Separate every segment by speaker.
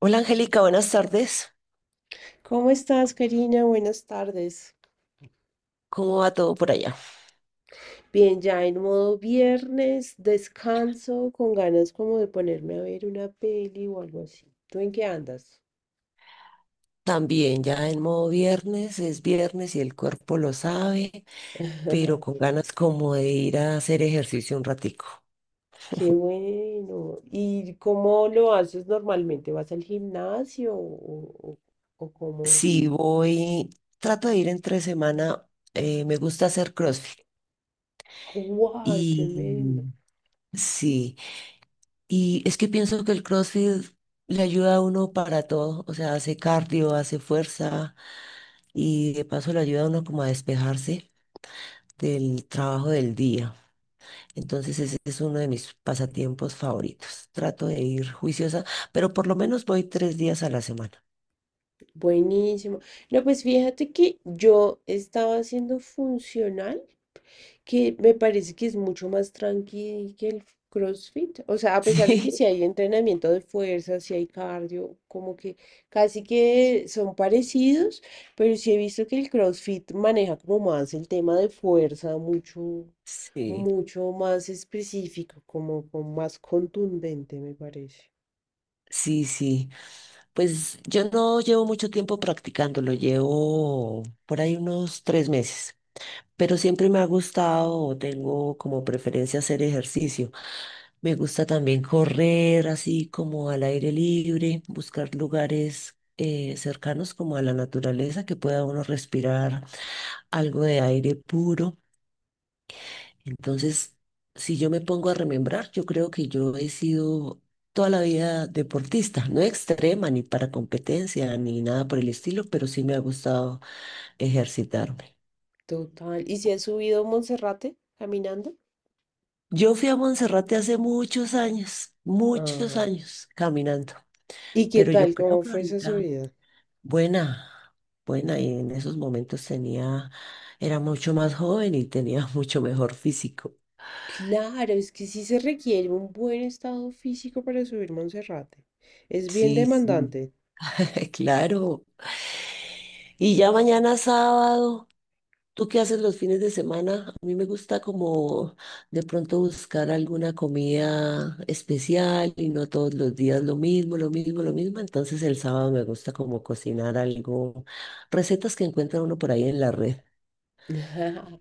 Speaker 1: Hola Angélica, buenas tardes.
Speaker 2: ¿Cómo estás, Karina? Buenas tardes.
Speaker 1: ¿Cómo va todo por allá?
Speaker 2: Bien, ya en modo viernes, descanso, con ganas como de ponerme a ver una peli o algo así. ¿Tú en qué andas?
Speaker 1: También ya en modo viernes, es viernes y el cuerpo lo sabe, pero con ganas como de ir a hacer ejercicio un ratico.
Speaker 2: Qué bueno. ¿Y cómo lo haces normalmente? ¿Vas al gimnasio o cómo?
Speaker 1: Si voy, trato de ir entre semana, me gusta hacer CrossFit.
Speaker 2: ¡Wow! Tremendo.
Speaker 1: Y sí, y es que pienso que el CrossFit le ayuda a uno para todo, o sea, hace cardio, hace fuerza y de paso le ayuda a uno como a despejarse del trabajo del día. Entonces ese es uno de mis pasatiempos favoritos. Trato de ir juiciosa, pero por lo menos voy 3 días a la semana.
Speaker 2: Buenísimo. No, pues fíjate que yo estaba haciendo funcional, que me parece que es mucho más tranqui que el CrossFit. O sea, a pesar de que si hay entrenamiento de fuerza, si hay cardio, como que casi que son parecidos, pero sí he visto que el CrossFit maneja como más el tema de fuerza,
Speaker 1: Sí, sí,
Speaker 2: mucho más específico, como más contundente, me parece.
Speaker 1: sí. Pues yo no llevo mucho tiempo practicándolo, llevo por ahí unos 3 meses, pero siempre me ha gustado o tengo como preferencia hacer ejercicio. Me gusta también correr así como al aire libre, buscar lugares cercanos como a la naturaleza que pueda uno respirar algo de aire puro. Entonces, si yo me pongo a remembrar, yo creo que yo he sido toda la vida deportista, no extrema ni para competencia ni nada por el estilo, pero sí me ha gustado ejercitarme.
Speaker 2: Total. ¿Y si has subido Monserrate caminando?
Speaker 1: Yo fui a Monserrate hace muchos
Speaker 2: Ah.
Speaker 1: años caminando,
Speaker 2: ¿Y qué
Speaker 1: pero yo
Speaker 2: tal?
Speaker 1: creo
Speaker 2: ¿Cómo
Speaker 1: que
Speaker 2: fue esa
Speaker 1: ahorita,
Speaker 2: subida?
Speaker 1: buena, buena, y en esos momentos tenía, era mucho más joven y tenía mucho mejor físico.
Speaker 2: Claro, es que sí se requiere un buen estado físico para subir Monserrate. Es bien
Speaker 1: Sí, sí,
Speaker 2: demandante.
Speaker 1: claro. Y ya mañana sábado, ¿tú qué haces los fines de semana? A mí me gusta como de pronto buscar alguna comida especial y no todos los días lo mismo, lo mismo, lo mismo. Entonces el sábado me gusta como cocinar algo, recetas que encuentra uno por ahí en la red.
Speaker 2: Ajá.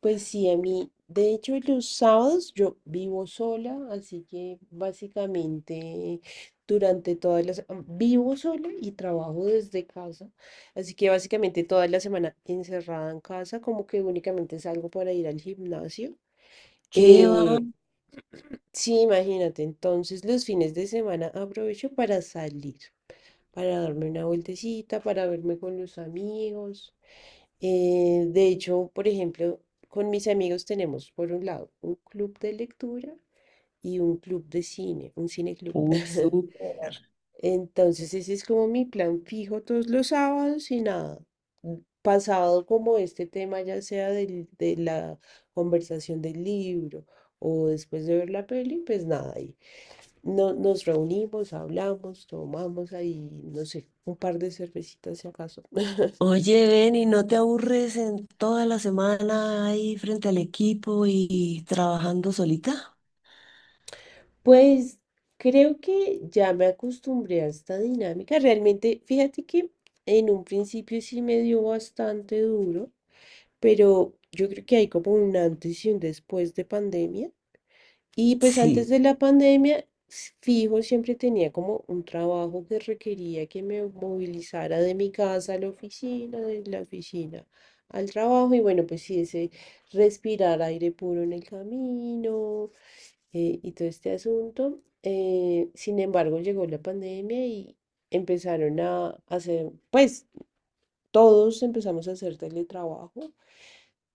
Speaker 2: Pues sí, a mí, de hecho, los sábados yo vivo sola, así que básicamente durante todas las... Vivo sola y trabajo desde casa, así que básicamente toda la semana encerrada en casa, como que únicamente salgo para ir al gimnasio.
Speaker 1: ¿Qué va?
Speaker 2: Eh, sí, imagínate, entonces los fines de semana aprovecho para salir, para darme una vueltecita, para verme con los amigos. De hecho, por ejemplo, con mis amigos tenemos, por un lado, un club de lectura y un club de cine, un cineclub.
Speaker 1: Uy, súper.
Speaker 2: Entonces, ese es como mi plan fijo todos los sábados y nada. Pasado como este tema, ya sea de la conversación del libro o después de ver la peli, pues nada, ahí. No, nos reunimos, hablamos, tomamos ahí, no sé, un par de cervecitas si acaso.
Speaker 1: Oye, ven y no te aburres en toda la semana ahí frente al equipo y trabajando solita.
Speaker 2: Pues creo que ya me acostumbré a esta dinámica. Realmente, fíjate que en un principio sí me dio bastante duro, pero yo creo que hay como un antes y un después de pandemia. Y pues antes
Speaker 1: Sí,
Speaker 2: de la pandemia, fijo, siempre tenía como un trabajo que requería que me movilizara de mi casa a la oficina, de la oficina al trabajo. Y bueno, pues sí, ese respirar aire puro en el camino y todo este asunto. Sin embargo, llegó la pandemia y empezaron a hacer, pues todos empezamos a hacer teletrabajo.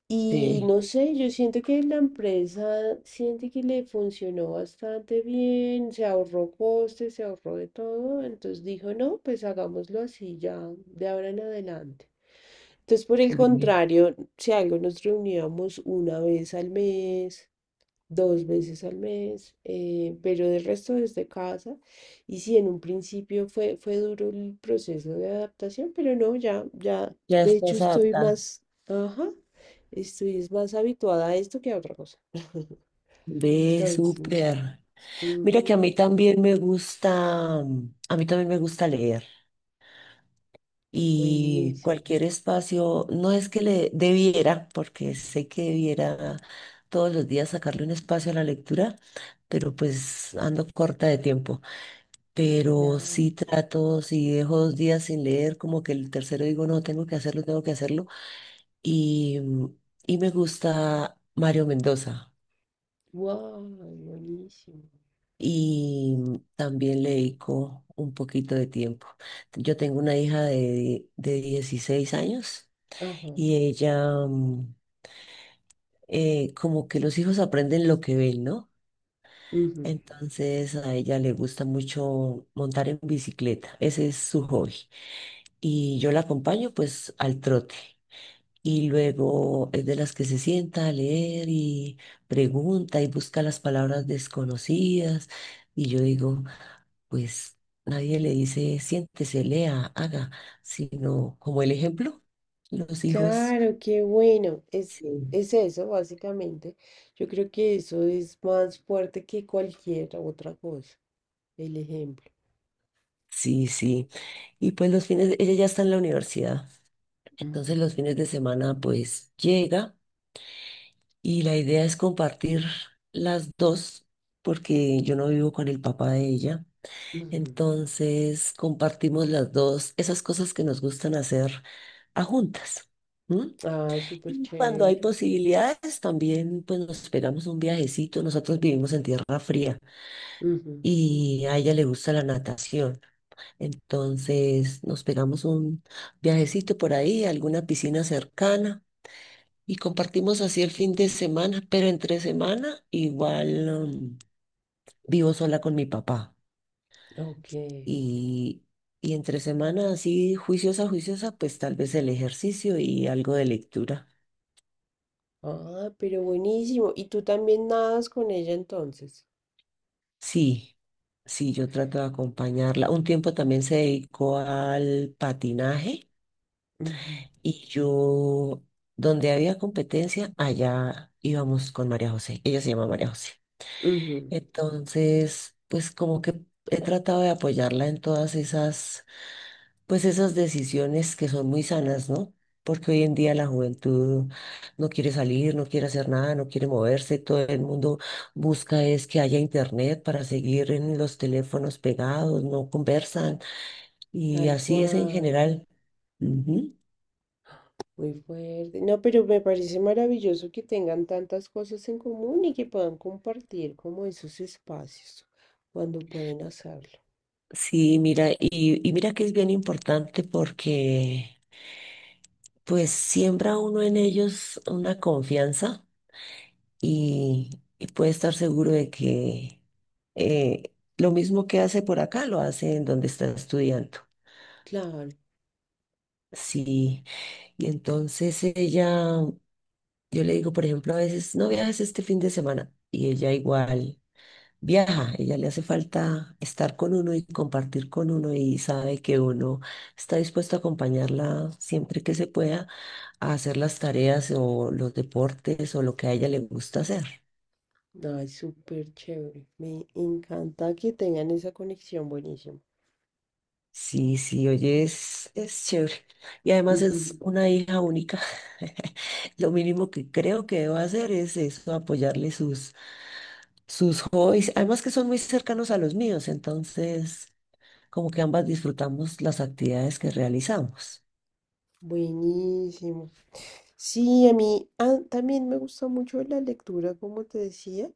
Speaker 2: Y
Speaker 1: sí.
Speaker 2: no sé, yo siento que la empresa siente que le funcionó bastante bien, se ahorró costes, se ahorró de todo, entonces dijo, no, pues hagámoslo así ya de ahora en adelante. Entonces, por el contrario, si algo nos reuníamos una vez al mes, dos veces al mes, pero del resto desde casa. Y sí, en un principio fue duro el proceso de adaptación, pero no, ya, ya,
Speaker 1: Ya
Speaker 2: de hecho
Speaker 1: estás
Speaker 2: estoy
Speaker 1: adaptada.
Speaker 2: más, ajá, estoy es más habituada a esto que a otra cosa.
Speaker 1: Ve,
Speaker 2: Entonces,
Speaker 1: súper. Mira que a
Speaker 2: ujú,
Speaker 1: mí también me gusta, a mí también me gusta leer y
Speaker 2: buenísimo,
Speaker 1: cualquier espacio, no es que le debiera, porque sé que debiera todos los días sacarle un espacio a la lectura, pero pues ando corta de tiempo. Pero
Speaker 2: claro,
Speaker 1: sí trato, si dejo 2 días sin leer, como que el tercero digo, no, tengo que hacerlo, tengo que hacerlo. Y, mm, y me gusta Mario Mendoza.
Speaker 2: wow, buenísimo.
Speaker 1: Y también le dedico un poquito de tiempo. Yo tengo una hija de, 16 años
Speaker 2: Ajá,
Speaker 1: y ella, como que los hijos aprenden lo que ven, ¿no?
Speaker 2: ujú.
Speaker 1: Entonces a ella le gusta mucho montar en bicicleta, ese es su hobby. Y yo la acompaño pues al trote. Y luego es de las que se sienta a leer y pregunta y busca las palabras desconocidas. Y yo digo, pues nadie le dice siéntese, lea, haga, sino como el ejemplo, los hijos,
Speaker 2: Claro, qué bueno.
Speaker 1: sí,
Speaker 2: Es eso, básicamente. Yo creo que eso es más fuerte que cualquier otra cosa. El ejemplo.
Speaker 1: sí, sí. Y pues los fines, ella ya está en la universidad, entonces
Speaker 2: Ujú,
Speaker 1: los fines de semana pues llega y la idea es compartir las dos, porque yo no vivo con el papá de ella.
Speaker 2: ujú.
Speaker 1: Entonces compartimos las dos, esas cosas que nos gustan hacer a juntas. ¿M?
Speaker 2: Ah, súper
Speaker 1: Y cuando hay
Speaker 2: chévere.
Speaker 1: posibilidades, también pues nos pegamos un viajecito. Nosotros vivimos en tierra fría
Speaker 2: Ujú,
Speaker 1: y a ella le gusta la natación. Entonces nos pegamos un viajecito por ahí, a alguna piscina cercana y compartimos así el fin de semana. Pero entre semana igual vivo sola con mi papá.
Speaker 2: ok.
Speaker 1: Y, y entre semana así juiciosa, juiciosa, pues tal vez el ejercicio y algo de lectura.
Speaker 2: Ah, pero buenísimo. ¿Y tú también nadas con ella entonces?
Speaker 1: Sí, sí, yo trato de acompañarla. Un tiempo también se dedicó al patinaje
Speaker 2: Ujú,
Speaker 1: y yo, donde había competencia, allá íbamos con María José. Ella se llama María José.
Speaker 2: ujú.
Speaker 1: Entonces, pues como que he tratado de apoyarla en todas esas pues esas decisiones que son muy sanas, ¿no? Porque hoy en día la juventud no quiere salir, no quiere hacer nada, no quiere moverse, todo el mundo busca es que haya internet para seguir en los teléfonos pegados, no conversan y
Speaker 2: Tal
Speaker 1: así es en
Speaker 2: cual.
Speaker 1: general. Ujú.
Speaker 2: Muy fuerte. No, pero me parece maravilloso que tengan tantas cosas en común y que puedan compartir como esos espacios cuando pueden hacerlo.
Speaker 1: Sí, mira, y mira que es bien importante porque pues siembra uno en ellos una confianza y, y puede estar seguro de que eh, lo mismo que hace por acá lo hace en donde está estudiando.
Speaker 2: Claro.
Speaker 1: Sí, y entonces ella, yo le digo, por ejemplo, a veces, no viajes este fin de semana y ella igual viaja, ella le hace falta estar con uno y compartir con uno y sabe que uno está dispuesto a acompañarla siempre que se pueda a hacer las tareas o los deportes o lo que a ella le gusta hacer.
Speaker 2: Ay, súper chévere. Me encanta que tengan esa conexión. Buenísimo.
Speaker 1: Sí, sí, oye, es chévere. Y además es
Speaker 2: Ujú.
Speaker 1: una hija única. Lo mínimo que creo que debo hacer es eso, apoyarle sus, sus hobbies. Además que son muy cercanos a los míos, entonces como que ambas disfrutamos las actividades que realizamos.
Speaker 2: Buenísimo. Sí, a mí también me gusta mucho la lectura, como te decía.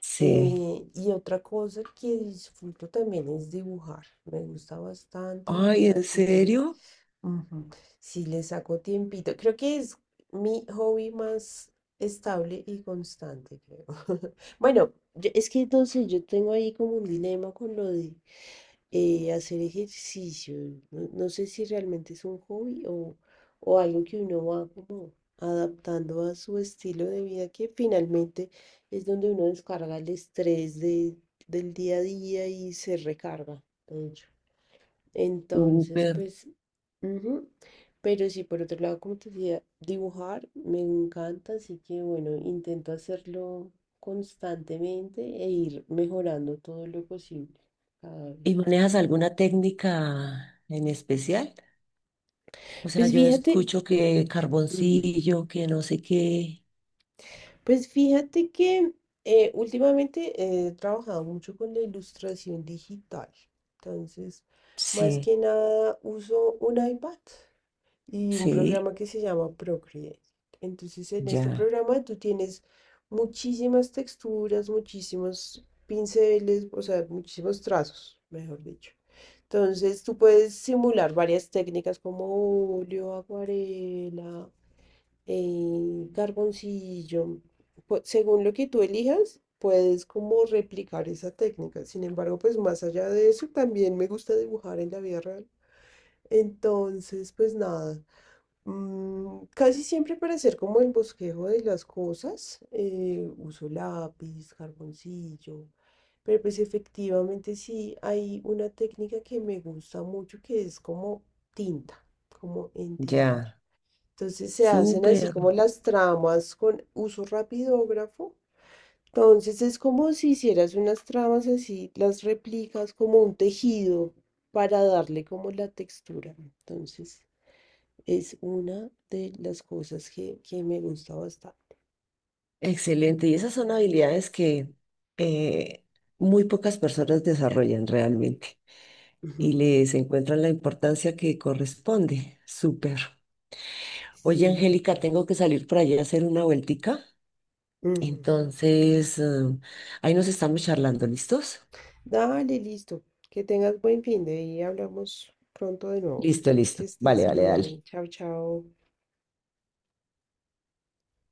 Speaker 1: Sí.
Speaker 2: Y otra cosa que disfruto también es dibujar. Me gusta bastante.
Speaker 1: Ay, ¿en
Speaker 2: Así que
Speaker 1: serio?
Speaker 2: ujú. Sí, le saco tiempito. Creo que es mi hobby más estable y constante, creo. Bueno, es que entonces yo tengo ahí como un dilema con lo de hacer ejercicio. No sé si realmente es un hobby o algo que uno va como adaptando a su estilo de vida, que finalmente es donde uno descarga el estrés del día a día y se recarga, de hecho. Entonces,
Speaker 1: Súper.
Speaker 2: pues ujú. Pero sí, por otro lado, como te decía, dibujar me encanta, así que bueno, intento hacerlo constantemente e ir mejorando todo lo posible cada vez.
Speaker 1: ¿Y manejas alguna técnica en especial? O sea,
Speaker 2: Pues
Speaker 1: yo
Speaker 2: fíjate,
Speaker 1: escucho que
Speaker 2: ujú,
Speaker 1: carboncillo, que no sé qué.
Speaker 2: pues fíjate que últimamente he trabajado mucho con la ilustración digital. Entonces, más
Speaker 1: Sí,
Speaker 2: que nada, uso un iPad y un
Speaker 1: sí,
Speaker 2: programa que se llama Procreate. Entonces, en este
Speaker 1: ya.
Speaker 2: programa tú tienes muchísimas texturas, muchísimos pinceles, o sea, muchísimos trazos, mejor dicho. Entonces, tú puedes simular varias técnicas como óleo, acuarela, carboncillo. Según lo que tú elijas, puedes como replicar esa técnica. Sin embargo, pues más allá de eso, también me gusta dibujar en la vida real. Entonces, pues nada, mm, casi siempre para hacer como el bosquejo de las cosas, uso lápiz, carboncillo, pero pues efectivamente sí hay una técnica que me gusta mucho, que es como tinta, como entintar.
Speaker 1: Ya,
Speaker 2: Entonces se hacen así
Speaker 1: súper,
Speaker 2: como las tramas con uso rapidógrafo. Entonces, es como si hicieras unas tramas así, las replicas como un tejido para darle como la textura. Entonces... Es una de las cosas que me gusta bastante.
Speaker 1: excelente. Y esas son habilidades que eh, muy pocas personas desarrollan realmente y les encuentran la importancia que corresponde. Súper. Oye,
Speaker 2: Sí,
Speaker 1: Angélica,
Speaker 2: total.
Speaker 1: tengo que salir por allá a hacer una vueltica.
Speaker 2: Ujú.
Speaker 1: Entonces, ahí nos estamos charlando, ¿listos?
Speaker 2: Dale, listo. Que tengas buen fin de y hablamos pronto de nuevo.
Speaker 1: Listo,
Speaker 2: Que
Speaker 1: listo. Vale,
Speaker 2: estés
Speaker 1: vale,
Speaker 2: bien.
Speaker 1: dale.
Speaker 2: Chao, chao.